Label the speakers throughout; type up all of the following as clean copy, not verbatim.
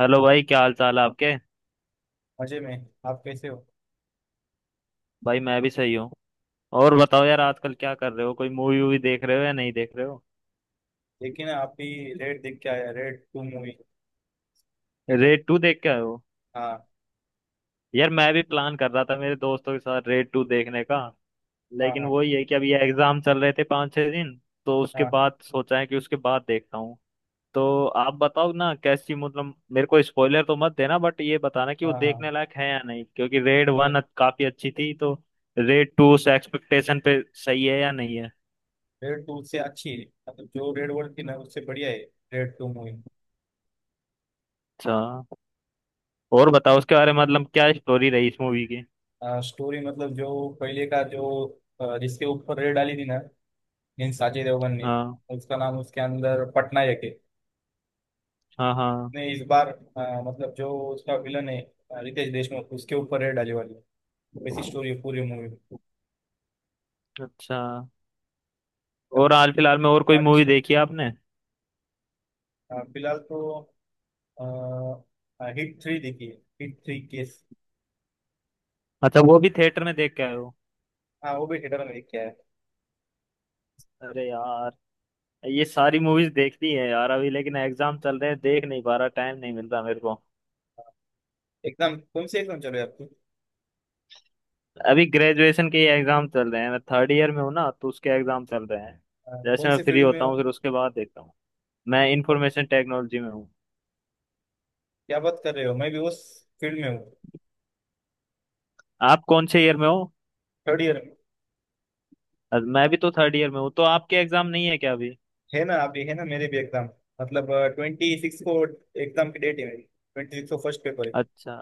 Speaker 1: Hello भाई, क्या हाल चाल है आपके?
Speaker 2: मजे में। आप कैसे हो?
Speaker 1: भाई मैं भी सही हूँ। और बताओ यार, आजकल क्या कर रहे हो? कोई मूवी वूवी देख रहे हो या नहीं देख रहे हो?
Speaker 2: देखिए ना आप भी। रेड देख के आया, red 2 movie, Raid.
Speaker 1: Raid two देख के आए हो?
Speaker 2: हाँ,
Speaker 1: यार मैं भी प्लान कर रहा था मेरे दोस्तों के साथ रेड टू देखने का।
Speaker 2: हाँ,
Speaker 1: लेकिन
Speaker 2: हाँ,
Speaker 1: वही है कि अभी एग्जाम चल रहे थे, 5-6 दिन। तो उसके
Speaker 2: हाँ,
Speaker 1: बाद सोचा है कि उसके बाद देखता हूँ। तो आप बताओ ना कैसी, मतलब मेरे को स्पॉइलर तो मत देना, बट ये बताना कि वो
Speaker 2: हाँ,
Speaker 1: देखने
Speaker 2: हाँ।
Speaker 1: लायक है या नहीं, क्योंकि रेड
Speaker 2: नहीं,
Speaker 1: वन काफी अच्छी थी तो रेड टू उस एक्सपेक्टेशन पे सही है या नहीं है?
Speaker 2: रेड 2 से अच्छी है, मतलब जो रेड वर्ल्ड की ना, उससे बढ़िया है रेड 2 मूवी।
Speaker 1: अच्छा। और बताओ उसके बारे में, मतलब क्या स्टोरी रही इस मूवी की?
Speaker 2: स्टोरी मतलब जो पहले का जो जिसके ऊपर रेड डाली थी ना, मीन अजय देवगन ने।
Speaker 1: हाँ
Speaker 2: उसका नाम उसके अंदर पटनायक है।
Speaker 1: हाँ। हाँ।
Speaker 2: नहीं, इस बार मतलब जो उसका विलन है रितेश देशमुख, उसके ऊपर रेड डाली वाली है। वैसी स्टोरी है पूरी मूवी में।
Speaker 1: अच्छा।
Speaker 2: तब
Speaker 1: और
Speaker 2: इस-
Speaker 1: हाल फिलहाल में और कोई मूवी
Speaker 2: अच्छा।
Speaker 1: देखी है आपने?
Speaker 2: फिलहाल तो आ, हिट 3 देखिए। Hit 3 case.
Speaker 1: अच्छा, वो भी थिएटर में देख के आए हो?
Speaker 2: हाँ, वो भी थिएटर में देखा है।
Speaker 1: अरे यार, ये सारी मूवीज देखती है यार अभी, लेकिन एग्जाम चल रहे हैं, देख नहीं पा रहा, टाइम नहीं मिल रहा मेरे को।
Speaker 2: एकदम कौन से एकदम चल रहे आपकी?
Speaker 1: अभी ग्रेजुएशन के एग्जाम चल रहे हैं, मैं थर्ड ईयर में हूँ ना, तो उसके एग्जाम चल रहे हैं। जैसे
Speaker 2: कौन
Speaker 1: मैं
Speaker 2: से
Speaker 1: फ्री
Speaker 2: फील्ड में
Speaker 1: होता
Speaker 2: हो?
Speaker 1: हूँ फिर उसके बाद देखता हूँ। मैं
Speaker 2: कौन-
Speaker 1: इंफॉर्मेशन टेक्नोलॉजी में हूँ।
Speaker 2: क्या बात कर रहे हो! मैं भी उस फील्ड में हूँ।
Speaker 1: आप कौन से ईयर में हो?
Speaker 2: थर्ड ईयर में।
Speaker 1: मैं भी तो थर्ड ईयर में हूँ, तो आपके एग्जाम नहीं है क्या अभी?
Speaker 2: है ना, अभी है ना मेरे भी एग्जाम, मतलब 26 को एग्जाम की डेट है मेरी, 26 को फर्स्ट पेपर है।
Speaker 1: अच्छा।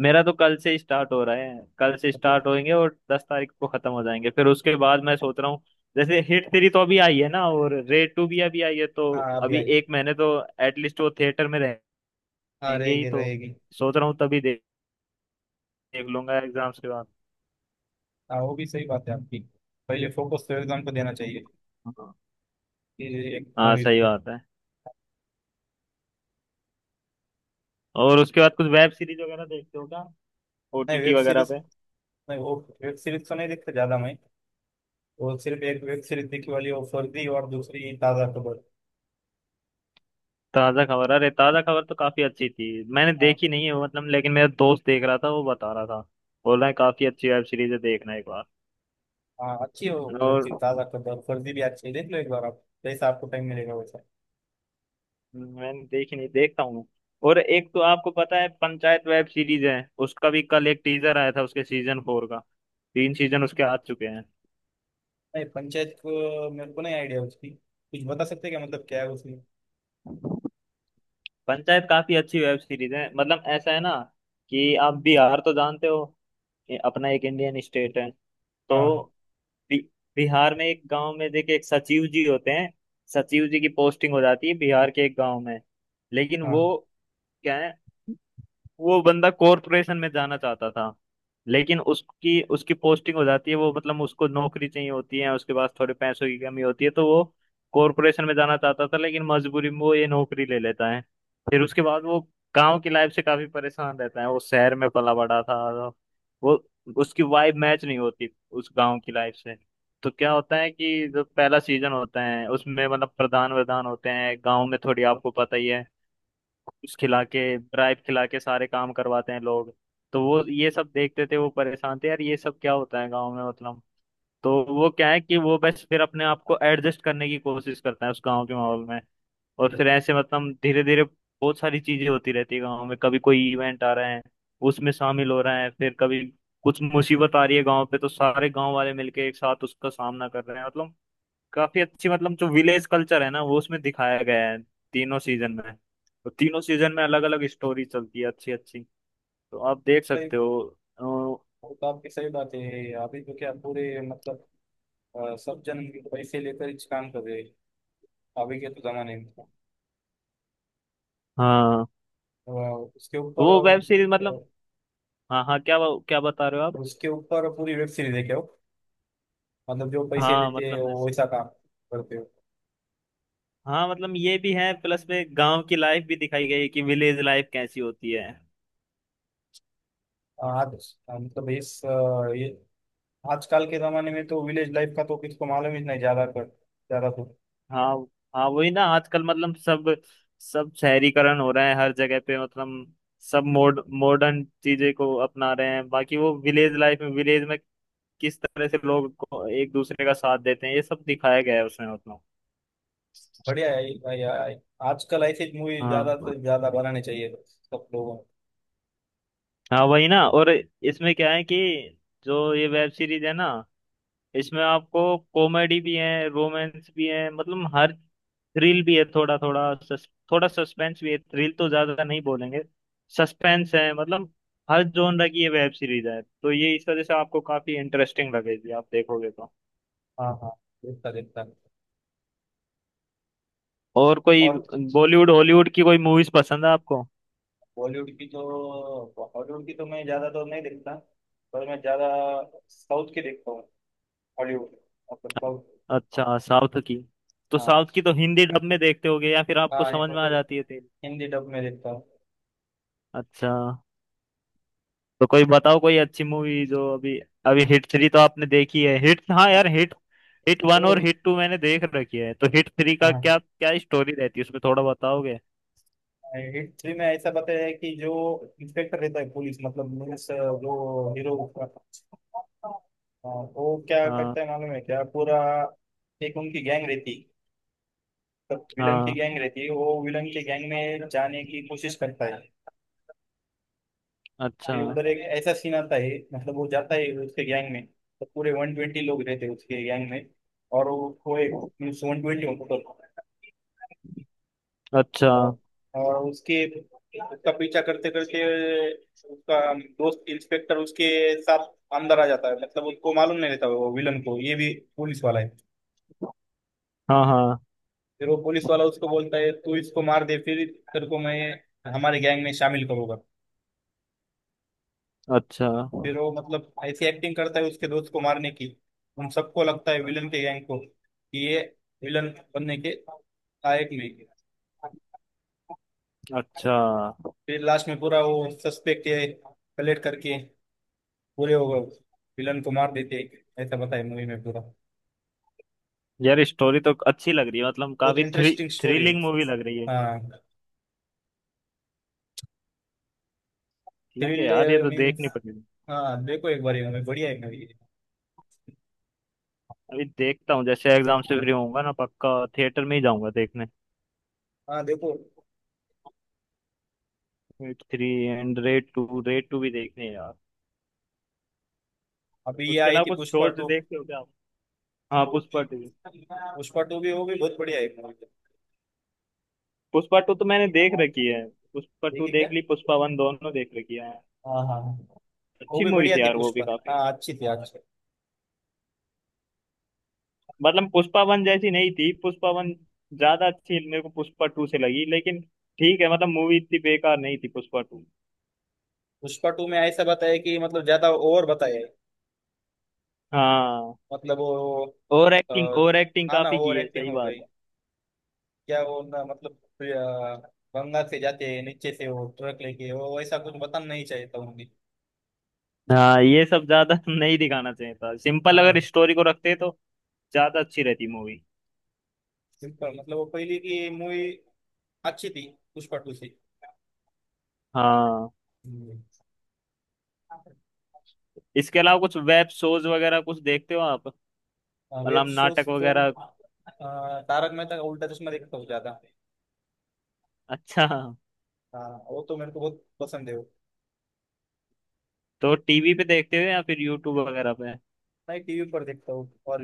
Speaker 1: मेरा तो कल से स्टार्ट हो रहा है, कल से
Speaker 2: मतलब।
Speaker 1: स्टार्ट होएंगे और 10 तारीख को खत्म हो जाएंगे, फिर उसके बाद मैं सोच रहा हूँ। जैसे हिट थ्री तो अभी आई है ना, और रेड टू भी अभी आई है, तो
Speaker 2: हाँ, अभी
Speaker 1: अभी
Speaker 2: आई।
Speaker 1: एक महीने तो एटलीस्ट वो थिएटर में
Speaker 2: हाँ,
Speaker 1: रहेंगे ही,
Speaker 2: रहेगी
Speaker 1: तो
Speaker 2: रहेगी।
Speaker 1: सोच रहा हूँ तभी देख देख लूंगा एग्जाम्स के बाद।
Speaker 2: हाँ, वो भी सही बात है आपकी। पहले फोकस तो एग्जाम को देना चाहिए,
Speaker 1: हाँ।
Speaker 2: ये एक
Speaker 1: हाँ,
Speaker 2: मूवी
Speaker 1: सही
Speaker 2: को।
Speaker 1: बात है। और उसके बाद कुछ वेब सीरीज वगैरह देखते हो क्या?
Speaker 2: नहीं,
Speaker 1: ओटीटी
Speaker 2: वेब
Speaker 1: वगैरह
Speaker 2: सीरीज
Speaker 1: पे?
Speaker 2: नहीं, वो वेब सीरीज तो नहीं देखता ज्यादा मैं। वो सिर्फ एक वेब सीरीज दिखी वाली, वो फर्जी और दूसरी ताजा खबर।
Speaker 1: ताज़ा खबर, अरे ताज़ा खबर तो काफी अच्छी थी। मैंने
Speaker 2: हाँ।
Speaker 1: देखी नहीं है वो मतलब, लेकिन मेरा दोस्त देख रहा था, वो बता रहा था। बोल रहा है काफी अच्छी वेब सीरीज है, देखना एक बार।
Speaker 2: हाँ, अच्छी है वो वेब
Speaker 1: और
Speaker 2: सीरीज ताजा खबर, फर्जी भी अच्छी है, देख लो एक बार आप, जैसा आपको टाइम मिलेगा वैसा।
Speaker 1: मैंने देखी नहीं, देखता हूँ मैं। और एक तो आपको पता है पंचायत वेब सीरीज है। उसका भी कल एक टीजर आया था उसके सीजन 4 का। तीन सीजन उसके आ चुके हैं।
Speaker 2: नहीं, पंचायत को मेरे को नहीं आइडिया उसकी, कुछ बता सकते हैं क्या, मतलब क्या है उसमें?
Speaker 1: पंचायत काफी अच्छी वेब सीरीज है, मतलब ऐसा है ना कि आप बिहार तो जानते हो, ये अपना एक इंडियन स्टेट है तो
Speaker 2: हाँ।
Speaker 1: बि बिहार में एक गांव में देखिए एक सचिव जी होते हैं। सचिव जी की पोस्टिंग हो जाती है बिहार के एक गांव में, लेकिन वो
Speaker 2: हाँ।
Speaker 1: क्या है, वो बंदा कॉरपोरेशन में जाना चाहता था, लेकिन उसकी उसकी पोस्टिंग हो जाती है, वो मतलब उसको नौकरी चाहिए होती है, उसके पास थोड़े पैसों की कमी होती है, तो वो कॉरपोरेशन में जाना चाहता था, लेकिन मजबूरी में वो ये नौकरी ले लेता है। फिर उसके बाद वो गांव की लाइफ से काफी परेशान रहता है, वो शहर में पला बड़ा था तो वो, उसकी वाइब मैच नहीं होती उस गांव की लाइफ से। तो क्या होता है कि जो पहला सीजन होता है उसमें, मतलब प्रधान वधान होते हैं गांव में, थोड़ी आपको पता ही है, घूस खिला के, ड्राइव खिला के सारे काम करवाते हैं लोग। तो वो ये सब देखते थे, वो परेशान थे यार ये सब क्या होता है गाँव में मतलब। तो वो क्या है कि वो बस फिर अपने आप को एडजस्ट करने की कोशिश करता है उस गाँव के माहौल में। और फिर ऐसे, मतलब धीरे धीरे बहुत सारी चीजें होती रहती है गाँव में, कभी कोई इवेंट आ रहे हैं उसमें शामिल हो रहे हैं, फिर कभी कुछ मुसीबत आ रही है गाँव पे तो सारे गाँव वाले मिलके एक साथ उसका सामना कर रहे हैं मतलब। काफी अच्छी, मतलब जो विलेज कल्चर है ना, वो उसमें दिखाया गया है तीनों सीजन में। तो तीनों सीजन में अलग अलग स्टोरी चलती है अच्छी अच्छी, तो आप देख
Speaker 2: सही।
Speaker 1: सकते हो। अ,
Speaker 2: वो तो आपकी सही बात है, अभी तो क्या पूरे मतलब सब जन पैसे लेकर इस काम कर रहे हैं, अभी के तो जमाने में।
Speaker 1: हाँ।
Speaker 2: तो, उसके
Speaker 1: तो
Speaker 2: ऊपर
Speaker 1: वो वेब सीरीज मतलब, हाँ हाँ क्या, क्या बता रहे हो आप?
Speaker 2: उसके ऊपर पूरी वेब सीरीज है क्या वो, मतलब जो पैसे
Speaker 1: हाँ
Speaker 2: लेते हैं
Speaker 1: मतलब
Speaker 2: वो
Speaker 1: ऐस-
Speaker 2: वैसा काम करते हैं।
Speaker 1: हाँ मतलब ये भी है, प्लस में गांव की लाइफ भी दिखाई गई है कि विलेज लाइफ कैसी होती है।
Speaker 2: आज मतलब इस ये आजकल के जमाने में तो विलेज लाइफ का तो किसको मालूम ही नहीं, ज्यादा कर ज्यादा तो।
Speaker 1: हाँ हाँ वही ना, आजकल मतलब सब सब शहरीकरण हो रहा है हर जगह पे मतलब, सब मोड मॉडर्न चीजें को अपना रहे हैं, बाकी वो विलेज लाइफ में, विलेज में किस तरह से लोग को एक दूसरे का साथ देते हैं, ये सब दिखाया गया है उसमें मतलब।
Speaker 2: बढ़िया है ये भाई। आजकल ऐसी मूवी ज्यादा
Speaker 1: हाँ
Speaker 2: से ज्यादा बनानी चाहिए सब लोगों को।
Speaker 1: हाँ वही ना, और इसमें क्या है कि जो ये वेब सीरीज है ना, इसमें आपको कॉमेडी भी है, रोमांस भी है, मतलब हर, थ्रिल भी है थोड़ा थोड़ा, थोड़ा सस्पेंस भी है, थ्रिल तो ज्यादा नहीं बोलेंगे, सस्पेंस है मतलब, हर जॉनर की ये वेब सीरीज है, तो ये इस वजह से आपको काफी इंटरेस्टिंग लगेगी आप देखोगे तो।
Speaker 2: हाँ, हाँ। देखता देखता।
Speaker 1: और कोई
Speaker 2: और।
Speaker 1: बॉलीवुड हॉलीवुड की कोई मूवीज पसंद है आपको?
Speaker 2: बॉलीवुड की तो, हॉलीवुड की तो मैं ज्यादा तो नहीं देखता, पर मैं ज्यादा साउथ की देखता हूँ। हॉलीवुड मतलब साउथ।
Speaker 1: अच्छा साउथ की, तो
Speaker 2: हाँ,
Speaker 1: साउथ की तो हिंदी डब में देखते होगे या फिर आपको
Speaker 2: हाँ,
Speaker 1: समझ में आ जाती है तेरी?
Speaker 2: हिंदी डब में देखता हूँ।
Speaker 1: अच्छा। तो कोई बताओ कोई अच्छी मूवी जो अभी, अभी हिट थ्री तो आपने देखी है हिट, हाँ
Speaker 2: हाँ,
Speaker 1: यार हिट, हिट वन
Speaker 2: वो
Speaker 1: और
Speaker 2: भी।
Speaker 1: हिट टू मैंने देख रखी है, तो हिट थ्री का
Speaker 2: हाँ,
Speaker 1: क्या क्या स्टोरी रहती है उसमें, थोड़ा बताओगे?
Speaker 2: हिट 3 में ऐसा बताया है कि जो इंस्पेक्टर रहता है पुलिस, मतलब मीन्स जो हीरो उसका। हाँ, वो क्या करता
Speaker 1: हाँ
Speaker 2: है मालूम है क्या पूरा? एक उनकी गैंग रहती है, विलन की
Speaker 1: हाँ।
Speaker 2: गैंग रहती है, वो विलन की गैंग में जाने की कोशिश करता है।
Speaker 1: अच्छा।
Speaker 2: फिर उधर एक ऐसा सीन आता है, मतलब वो जाता है उसके गैंग में तो पूरे 120 लोग रहते हैं उसके गैंग में। और वो एक मीन्स 120।
Speaker 1: अच्छा।
Speaker 2: और, और उसके उसका पीछा करते करते उसका दोस्त इंस्पेक्टर उसके साथ अंदर आ जाता है, मतलब उसको मालूम नहीं रहता वो विलन को ये भी पुलिस वाला है।
Speaker 1: हाँ हाँ।
Speaker 2: फिर वो पुलिस वाला उसको बोलता है, तू इसको मार दे, फिर तेरे को मैं हमारे गैंग में शामिल करूंगा।
Speaker 1: अच्छा।
Speaker 2: फिर वो मतलब ऐसी एक्टिंग करता है उसके दोस्त को मारने की। उन सबको लगता है विलन के गैंग को कि ये विलन बनने के लायक नहीं है।
Speaker 1: अच्छा।
Speaker 2: फिर लास्ट में पूरा वो सस्पेक्ट कलेक्ट करके पूरे वो विलन को मार देते हैं, ऐसा बताया मूवी में पूरा।
Speaker 1: यार स्टोरी तो अच्छी लग रही है, मतलब
Speaker 2: बहुत
Speaker 1: काफी थ्री
Speaker 2: इंटरेस्टिंग स्टोरी है।
Speaker 1: थ्रिलिंग मूवी लग रही है।
Speaker 2: हाँ।
Speaker 1: ठीक है यार, ये
Speaker 2: थ्रिल
Speaker 1: तो
Speaker 2: मीन्स।
Speaker 1: देखनी पड़ेगी।
Speaker 2: हाँ, देखो एक बार ये movie, बढ़िया है मूवी।
Speaker 1: अभी देखता हूँ, जैसे एग्जाम से फ्री होऊंगा ना, पक्का थिएटर में ही जाऊंगा देखने।
Speaker 2: हाँ, देखो।
Speaker 1: Raid three and raid two, raid two भी देखने हैं यार।
Speaker 2: अभी ये
Speaker 1: उसके
Speaker 2: आई
Speaker 1: अलावा
Speaker 2: थी
Speaker 1: कुछ
Speaker 2: पुष्पा
Speaker 1: शोज
Speaker 2: टू
Speaker 1: देखते हो क्या आप? हाँ पुष्पा टू,
Speaker 2: पुष्पा 2 भी, वो भी बहुत बढ़िया है मूवी।
Speaker 1: पुष्पा टू तो मैंने देख रखी है, पुष्पा टू
Speaker 2: देखिए क्या।
Speaker 1: देख ली, पुष्पा वन, दोनों देख रखी है।
Speaker 2: हाँ, हाँ। वो
Speaker 1: अच्छी
Speaker 2: भी
Speaker 1: मूवी
Speaker 2: बढ़िया
Speaker 1: थी
Speaker 2: थी
Speaker 1: यार वो भी
Speaker 2: पुष्पा,
Speaker 1: काफी,
Speaker 2: हाँ अच्छी थी, अच्छी।
Speaker 1: मतलब पुष्पा वन जैसी नहीं थी, पुष्पा वन ज्यादा अच्छी मेरे को पुष्पा टू से लगी, लेकिन ठीक है, मतलब मूवी इतनी बेकार नहीं थी पुष्पा टू।
Speaker 2: पुष्पा टू में ऐसा बताया कि मतलब ज्यादा ओवर बताया है।
Speaker 1: हाँ।
Speaker 2: मतलब वो
Speaker 1: over
Speaker 2: uh,
Speaker 1: acting, over acting
Speaker 2: हाँ ना,
Speaker 1: काफी की
Speaker 2: ओवर
Speaker 1: है,
Speaker 2: एक्टिंग
Speaker 1: सही
Speaker 2: हो
Speaker 1: बात
Speaker 2: गई
Speaker 1: है।
Speaker 2: क्या वो ना, मतलब अ, गंगा से जाते हैं नीचे से वो ट्रक लेके, वो ऐसा कुछ बताना नहीं चाहिए था उन्हें।
Speaker 1: हाँ, ये सब ज्यादा नहीं दिखाना चाहिए था, सिंपल
Speaker 2: हाँ ना,
Speaker 1: अगर स्टोरी को रखते तो ज्यादा अच्छी रहती मूवी।
Speaker 2: सिंपल मतलब वो पहले की मूवी अच्छी थी पुष्पा 2 से।
Speaker 1: हाँ।
Speaker 2: हम्म।
Speaker 1: इसके अलावा कुछ वेब शोज वगैरह कुछ देखते हो आप,
Speaker 2: वेब
Speaker 1: मतलब
Speaker 2: शोज
Speaker 1: नाटक
Speaker 2: तो
Speaker 1: वगैरह?
Speaker 2: तारक मेहता का उल्टा चश्मा देखता हूँ ज्यादा।
Speaker 1: अच्छा।
Speaker 2: हाँ, वो तो मेरे को बहुत पसंद है वो।
Speaker 1: तो टीवी पे देखते हो या फिर यूट्यूब वगैरह पे?
Speaker 2: मैं टीवी पर देखता हूँ और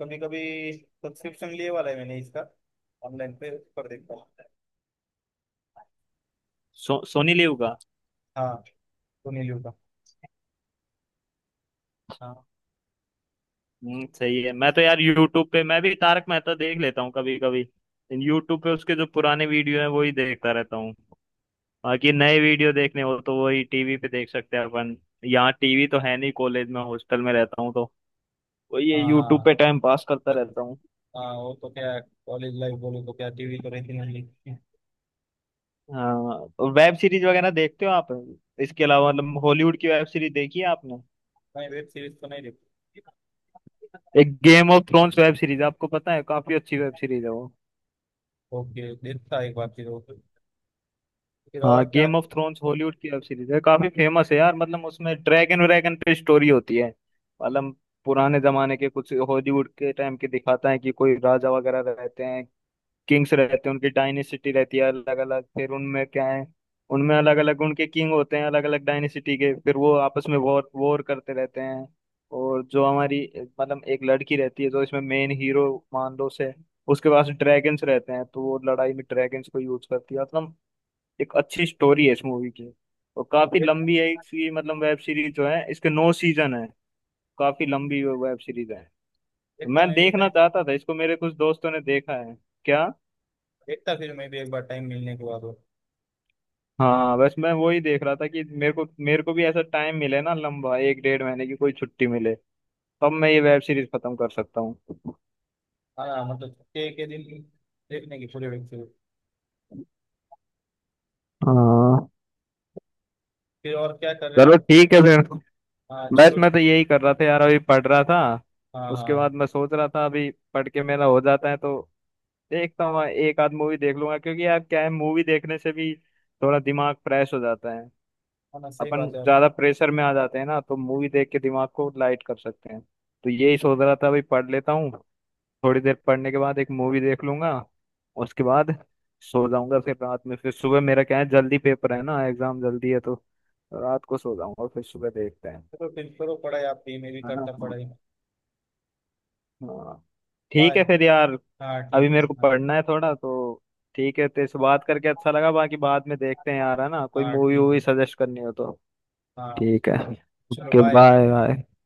Speaker 2: कभी कभी सब्सक्रिप्शन लिए वाला है मैंने इसका, ऑनलाइन पे उस पर देखता हूँ।
Speaker 1: सोनी लिव का?
Speaker 2: हाँ, सुनील का।
Speaker 1: अच्छा। सही है, मैं तो यार यूट्यूब पे मैं भी तारक मेहता देख लेता हूँ कभी कभी। यूट्यूब पे उसके जो पुराने वीडियो हैं वो ही देखता रहता हूँ। बाकी नए वीडियो देखने हो तो वही टीवी पे देख सकते हैं अपन, यहाँ टीवी तो है नहीं, कॉलेज में हॉस्टल में रहता हूँ तो वही
Speaker 2: हाँ,
Speaker 1: यूट्यूब
Speaker 2: हाँ।
Speaker 1: पे टाइम पास करता रहता हूँ।
Speaker 2: हाँ, वो तो क्या, कॉलेज लाइफ बोले तो क्या टीवी तो रहती नहीं थी।
Speaker 1: हाँ, तो वेब सीरीज वगैरह देखते हो आप? इसके अलावा मतलब हॉलीवुड की वेब सीरीज देखी है आपने?
Speaker 2: नहीं, वेब सीरीज तो नहीं देखती।
Speaker 1: एक Game of Thrones web series आपको पता है, काफी अच्छी वेब सीरीज है वो।
Speaker 2: ओके, देखता एक बार फिर वो। फिर और
Speaker 1: हाँ,
Speaker 2: क्या?
Speaker 1: गेम ऑफ थ्रोन्स हॉलीवुड की वेब सीरीज है, काफी फेमस है यार, मतलब उसमें ड्रैगन व्रैगन पे स्टोरी होती है मतलब, पुराने जमाने के कुछ हॉलीवुड के टाइम के दिखाता है कि कोई राजा वगैरह रहते हैं, किंग्स रहते हैं, उनकी डायनेसिटी रहती है अलग अलग, फिर उनमें क्या है, उनमें अलग अलग उनके किंग होते हैं अलग अलग डायनेसिटी के, फिर वो आपस में वॉर वॉर करते रहते हैं। और जो हमारी, मतलब एक लड़की रहती है जो इसमें मेन हीरो मान लो से, उसके पास ड्रैगन्स रहते हैं, तो वो लड़ाई में ड्रैगन्स को यूज करती है मतलब, एक अच्छी स्टोरी है इस मूवी की। और काफी
Speaker 2: देख,
Speaker 1: लंबी है इसकी, मतलब वेब सीरीज जो है इसके नौ सीजन है, काफी लंबी वेब सीरीज है।
Speaker 2: देखता
Speaker 1: मैं
Speaker 2: मैं भी
Speaker 1: देखना
Speaker 2: टाइम।
Speaker 1: चाहता था इसको, मेरे कुछ दोस्तों ने देखा है। क्या?
Speaker 2: देखता फिर मैं भी एक बार टाइम मिलने के बाद वो।
Speaker 1: हाँ बस मैं वही देख रहा था कि मेरे को भी ऐसा टाइम मिले ना, लंबा एक डेढ़ महीने की कोई छुट्टी मिले, तब मैं ये वेब सीरीज खत्म कर सकता हूँ।
Speaker 2: हाँ, मतलब छुट्टी के दिन देखने की पूरी वेब सीरीज।
Speaker 1: हाँ।
Speaker 2: फिर और क्या कर रहे हैं
Speaker 1: चलो
Speaker 2: आप?
Speaker 1: ठीक है फिर।
Speaker 2: हाँ,
Speaker 1: बस
Speaker 2: चलो।
Speaker 1: मैं तो यही कर रहा था यार, अभी पढ़ रहा था,
Speaker 2: हाँ,
Speaker 1: उसके
Speaker 2: हाँ।
Speaker 1: बाद मैं सोच रहा था, अभी पढ़ के मेरा हो जाता है तो देखता हूँ, एक आध मूवी देख लूंगा, क्योंकि यार क्या है, मूवी देखने से भी थोड़ा दिमाग फ्रेश हो जाता है,
Speaker 2: हाँ ना, सही
Speaker 1: अपन
Speaker 2: बात है आप।
Speaker 1: ज्यादा प्रेशर में आ जाते हैं ना तो मूवी देख के दिमाग को लाइट कर सकते हैं। तो यही सोच रहा था, अभी पढ़ लेता हूँ, थोड़ी देर पढ़ने के बाद एक मूवी देख लूंगा, उसके बाद सो जाऊंगा फिर रात में, फिर सुबह मेरा क्या है, जल्दी पेपर है ना, एग्जाम जल्दी है, तो रात को सो जाऊंगा फिर सुबह देखते हैं।
Speaker 2: चलो फिर करो पढ़ाई आप भी, मैं भी
Speaker 1: है ना।
Speaker 2: करता पढ़ाई।
Speaker 1: हाँ। ठीक
Speaker 2: बाय।
Speaker 1: है फिर यार।
Speaker 2: हाँ,
Speaker 1: अभी
Speaker 2: ठीक
Speaker 1: मेरे को
Speaker 2: है।
Speaker 1: पढ़ना है थोड़ा, तो ठीक है, तेरे से बात करके अच्छा लगा, बाकी बाद में देखते हैं
Speaker 2: हाँ।
Speaker 1: यार, है ना, कोई
Speaker 2: हाँ,
Speaker 1: मूवी
Speaker 2: ठीक
Speaker 1: वूवी
Speaker 2: है।
Speaker 1: सजेस्ट करनी हो तो।
Speaker 2: हाँ,
Speaker 1: ठीक है।
Speaker 2: चलो,
Speaker 1: ओके,
Speaker 2: बाय।
Speaker 1: Bye bye.